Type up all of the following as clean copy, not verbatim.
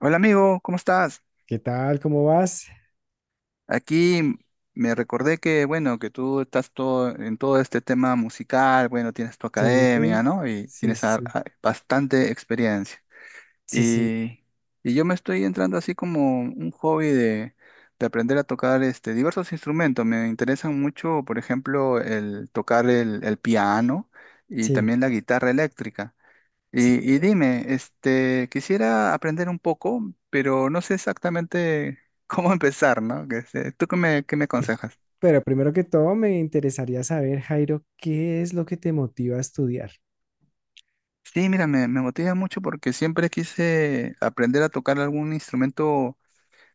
Hola amigo, ¿cómo estás? ¿Qué tal? ¿Cómo vas? Aquí me recordé que, bueno, que tú estás todo, en todo este tema musical, bueno, tienes tu Sí, academia, ¿no? Y sí, tienes sí, sí, bastante experiencia. sí, sí, Y, y yo me estoy entrando así como un hobby de aprender a tocar este, diversos instrumentos. Me interesan mucho, por ejemplo, el tocar el piano y sí, también la guitarra eléctrica. sí. Y dime, este, quisiera aprender un poco, pero no sé exactamente cómo empezar, ¿no? ¿Tú qué me aconsejas? Pero primero que todo, me interesaría saber, Jairo, ¿qué es lo que te motiva a estudiar? Sí, mira, me motiva mucho porque siempre quise aprender a tocar algún instrumento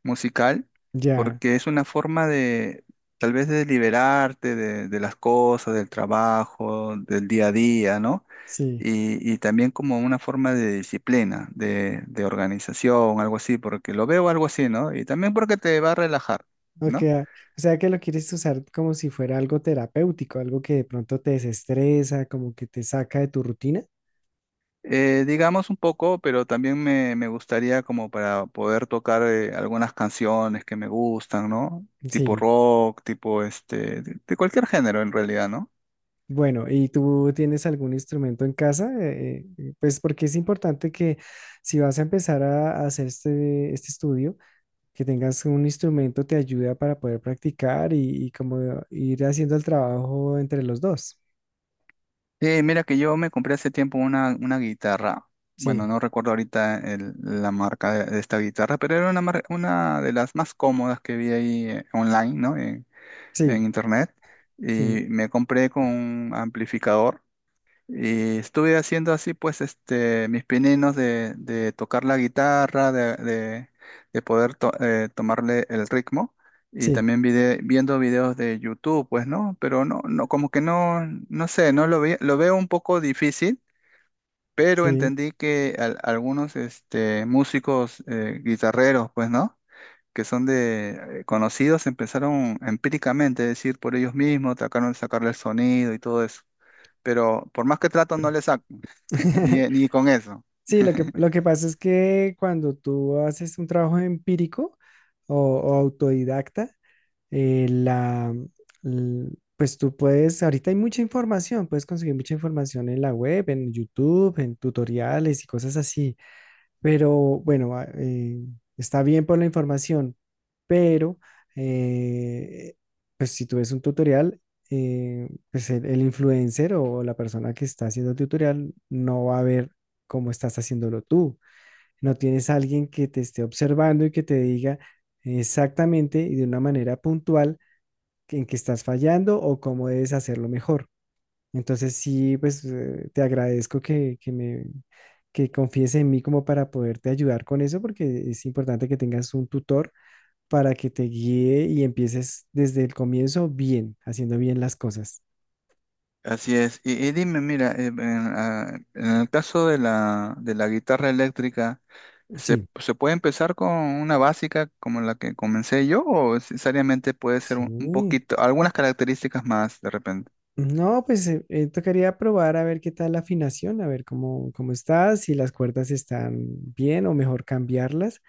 musical, Ya, porque es una forma de, tal vez, de liberarte de las cosas, del trabajo, del día a día, ¿no? sí. Y también como una forma de disciplina, de organización, algo así, porque lo veo algo así, ¿no? Y también porque te va a relajar, Ok, ¿no? O sea que lo quieres usar como si fuera algo terapéutico, algo que de pronto te desestresa, como que te saca de tu rutina. Digamos un poco, pero también me gustaría como para poder tocar algunas canciones que me gustan, ¿no? Tipo Sí. rock, tipo este, de cualquier género en realidad, ¿no? Bueno, ¿y tú tienes algún instrumento en casa? Pues porque es importante que si vas a empezar a hacer este estudio, que tengas un instrumento te ayuda para poder practicar y como ir haciendo el trabajo entre los dos. Sí, mira que yo me compré hace tiempo una guitarra. Sí, Bueno, no recuerdo ahorita la marca de esta guitarra, pero era una, una de las más cómodas que vi ahí online, ¿no? En sí, internet. sí, Y me compré con un amplificador. Y estuve haciendo así, pues, este, mis pininos de tocar la guitarra, de poder tomarle el ritmo. Y sí, también viendo videos de YouTube, pues, ¿no? Pero no, no, como que no, no sé, no lo ve- lo veo un poco difícil, pero sí. entendí que algunos, este, músicos, guitarreros, pues, ¿no? Que son de conocidos, empezaron empíricamente, es decir, por ellos mismos, trataron de sacarle el sonido y todo eso, pero por más que trato no le saco. Ni, ni con eso. Sí, lo que pasa es que cuando tú haces un trabajo empírico o autodidacta, eh, la, l- pues tú puedes, ahorita hay mucha información, puedes conseguir mucha información en la web, en YouTube, en tutoriales y cosas así. Pero bueno, está bien por la información, pero eh, pues si tú ves un tutorial, pues el influencer o la persona que está haciendo el tutorial no va a ver cómo estás haciéndolo tú. No tienes a alguien que te esté observando y que te diga exactamente y de una manera puntual en qué estás fallando o cómo debes hacerlo mejor. Entonces sí, pues te agradezco que confíes en mí como para poderte ayudar con eso, porque es importante que tengas un tutor para que te guíe y empieces desde el comienzo bien, haciendo bien las cosas. Así es. Y dime, mira, en el caso de la guitarra eléctrica, ¿se, Sí, se puede empezar con una básica como la que comencé yo o necesariamente puede ser un sí. poquito, algunas características más de repente? No, pues tocaría probar a ver qué tal la afinación, a ver cómo estás, si las cuerdas están bien o mejor cambiarlas.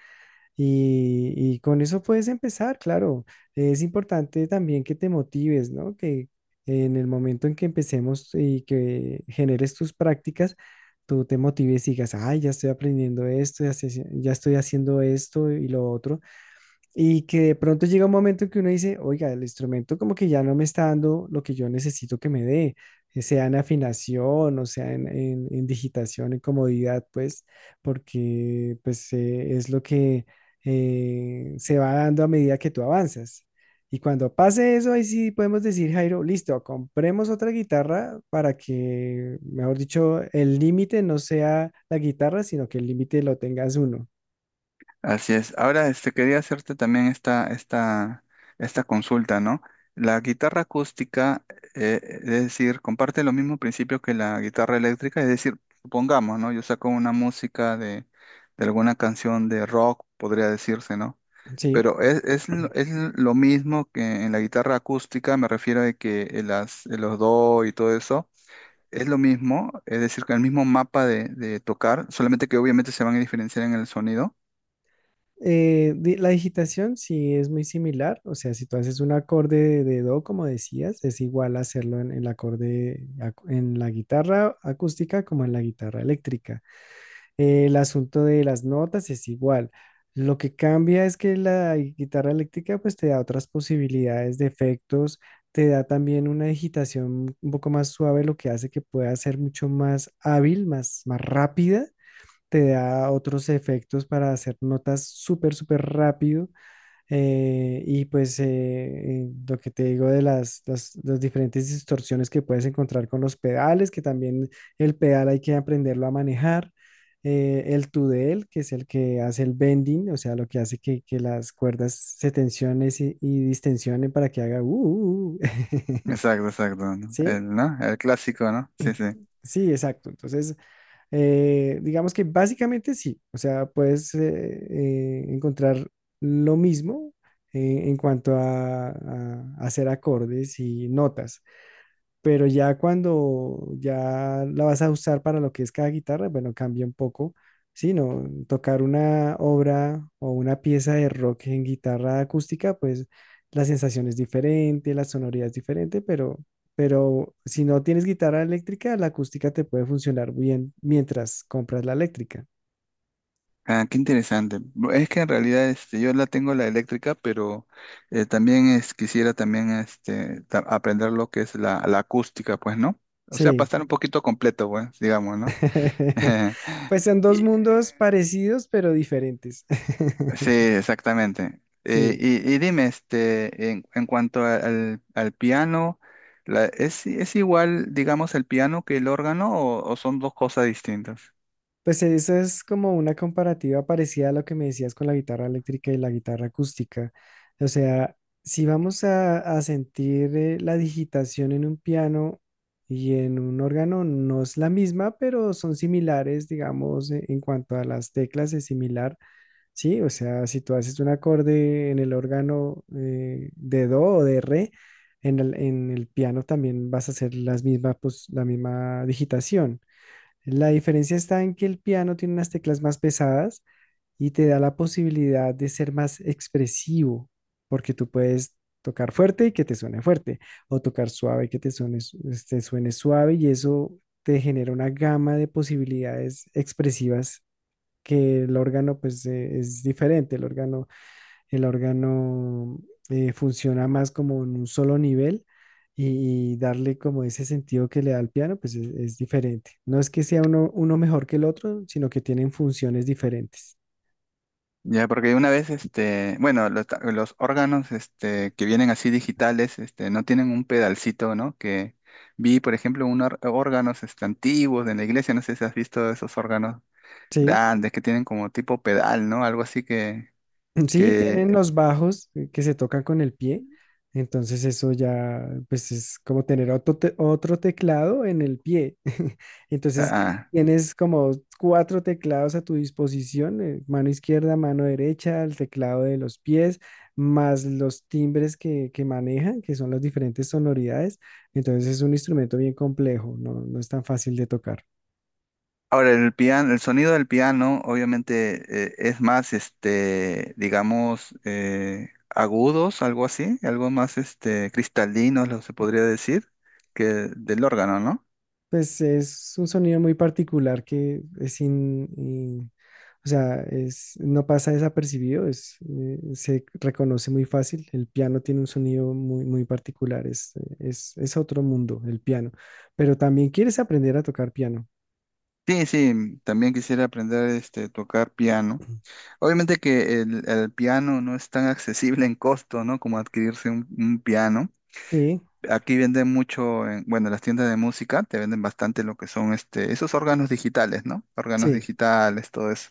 Y con eso puedes empezar, claro. Es importante también que te motives, ¿no? Que en el momento en que empecemos y que generes tus prácticas, tú te motives y digas, ay, ya estoy aprendiendo esto, ya, ya estoy haciendo esto y lo otro. Y que de pronto llega un momento en que uno dice, oiga, el instrumento como que ya no me está dando lo que yo necesito que me dé, que sea en afinación o sea en digitación, en comodidad, pues, porque pues es lo que se va dando a medida que tú avanzas. Y cuando pase eso, ahí sí podemos decir, Jairo, listo, compremos otra guitarra para que, mejor dicho, el límite no sea la guitarra, sino que el límite lo tengas uno. Así es. Ahora, este, quería hacerte también esta consulta, ¿no? La guitarra acústica, es decir, comparte los mismos principios que la guitarra eléctrica, es decir, supongamos, ¿no? Yo saco una música de alguna canción de rock, podría decirse, ¿no? Sí. Pero es lo mismo que en la guitarra acústica, me refiero a que las, los do y todo eso. Es lo mismo, es decir, que el mismo mapa de tocar, solamente que obviamente se van a diferenciar en el sonido. La digitación sí es muy similar, o sea, si tú haces un acorde de do, como decías, es igual hacerlo en en la guitarra acústica como en la guitarra eléctrica. El asunto de las notas es igual. Lo que cambia es que la guitarra eléctrica pues te da otras posibilidades de efectos, te da también una digitación un poco más suave, lo que hace que pueda ser mucho más hábil, más rápida, te da otros efectos para hacer notas súper rápido. eh, y pues eh, lo que te digo de las diferentes distorsiones que puedes encontrar con los pedales, que también el pedal hay que aprenderlo a manejar. El tudel, que es el que hace el bending, o sea, lo que hace que las cuerdas se tensionen y distensionen para que haga uh. Exacto, exacto, ¿no? ¿Sí? El, ¿no? El clásico, ¿no? Sí, sí. Sí, exacto. Entonces, digamos que básicamente sí, o sea, puedes encontrar lo mismo en cuanto a hacer acordes y notas, pero ya cuando ya la vas a usar para lo que es cada guitarra, bueno, cambia un poco. Sí, no, tocar una obra o una pieza de rock en guitarra acústica, pues la sensación es diferente, la sonoridad es diferente, pero si no tienes guitarra eléctrica, la acústica te puede funcionar bien mientras compras la eléctrica. Ah, qué interesante. Es que en realidad este, yo la tengo la eléctrica, pero quisiera también este, aprender lo que es la, la acústica, pues, ¿no? O sea, para Sí, estar un poquito completo, pues, digamos, ¿no? pues son dos Y- mundos parecidos pero diferentes. sí, exactamente. Eh, Sí. y, y dime, este, en cuanto al, al piano, es igual, digamos, el piano que el órgano o son dos cosas distintas? Pues eso es como una comparativa parecida a lo que me decías con la guitarra eléctrica y la guitarra acústica. O sea, si vamos a sentir la digitación en un piano y en un órgano, no es la misma, pero son similares, digamos, en cuanto a las teclas es similar, ¿sí? O sea, si tú haces un acorde en el órgano de do o de re, en en el piano también vas a hacer las mismas, pues, la misma digitación. La diferencia está en que el piano tiene unas teclas más pesadas y te da la posibilidad de ser más expresivo, porque tú puedes tocar fuerte y que te suene fuerte, o tocar suave y que te suene, te suene suave, y eso te genera una gama de posibilidades expresivas que el órgano pues es diferente. El órgano funciona más como en un solo nivel y darle como ese sentido que le da al piano, pues es diferente. No es que sea uno, uno mejor que el otro, sino que tienen funciones diferentes. Ya, porque una vez, este, bueno, los, los órganos, este, que vienen así digitales, este, no tienen un pedalcito, ¿no? Que vi, por ejemplo, unos órganos, este, antiguos de la iglesia, no sé si has visto esos órganos Sí. grandes que tienen como tipo pedal, ¿no? Algo así Sí, tienen que, los bajos que se tocan con el pie. Entonces eso ya, pues es como tener otro teclado en el pie. Entonces ah. tienes como cuatro teclados a tu disposición, mano izquierda, mano derecha, el teclado de los pies, más los timbres que manejan, que son las diferentes sonoridades. Entonces es un instrumento bien complejo, no, no es tan fácil de tocar. Ahora, el piano, el sonido del piano, obviamente, es más, este, digamos, agudos, algo así, algo más, este, cristalinos, lo se podría decir, que del órgano, ¿no? Pues es un sonido muy particular que es. O sea, es, no pasa desapercibido, es, se reconoce muy fácil. El piano tiene un sonido muy, muy particular, es otro mundo, el piano. Pero también quieres aprender a tocar piano. Sí, sí, mm, también quisiera aprender este tocar piano. Obviamente que el piano no es tan accesible en costo, ¿no? Como adquirirse un piano. Sí, Aquí venden mucho, en, bueno, las tiendas de música te venden bastante lo que son este, esos órganos digitales, ¿no? Órganos sí. digitales, todo eso.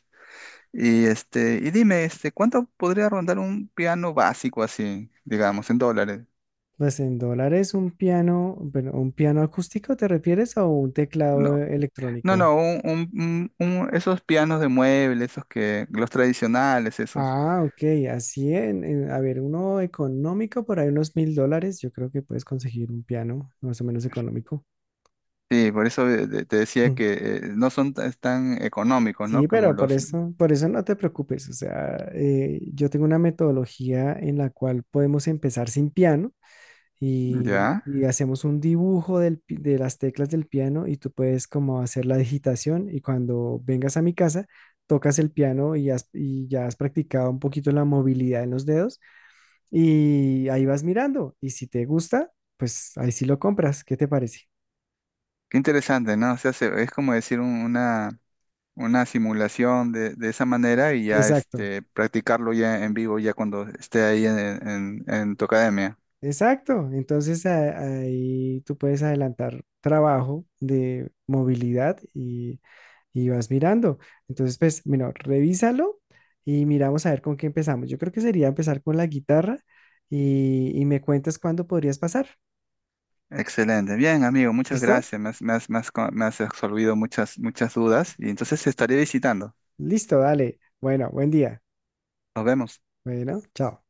Y dime, este, ¿cuánto podría rondar un piano básico así, digamos, en dólares? Pues en dólares un piano, bueno, ¿un piano acústico te refieres o un teclado No, no, electrónico? no, un, un- esos pianos de mueble, esos que, los tradicionales, esos. Ah, ok, así a ver, uno económico por ahí unos $1000, yo creo que puedes conseguir un piano más o menos económico. Sí, por eso te decía que no son tan económicos, ¿no? Sí, Como pero los… por eso no te preocupes. O sea, yo tengo una metodología en la cual podemos empezar sin piano Ya. y hacemos un dibujo de las teclas del piano y tú puedes como hacer la digitación y cuando vengas a mi casa tocas el piano y ya has practicado un poquito la movilidad en los dedos y ahí vas mirando y si te gusta, pues ahí sí lo compras. ¿Qué te parece? Qué interesante, ¿no? O sea, es como decir una simulación de esa manera y ya Exacto. este, practicarlo ya en vivo, ya cuando esté ahí en, en tu academia. Exacto, entonces ahí tú puedes adelantar trabajo de movilidad y vas mirando. Entonces, pues, mira, revísalo y miramos a ver con qué empezamos. Yo creo que sería empezar con la guitarra y me cuentas cuándo podrías pasar. Excelente. Bien, amigo, muchas ¿Listo? gracias. Me has absolvido muchas, muchas dudas y entonces estaré visitando. Listo, dale. Bueno, buen día. Nos vemos. Bueno, chao.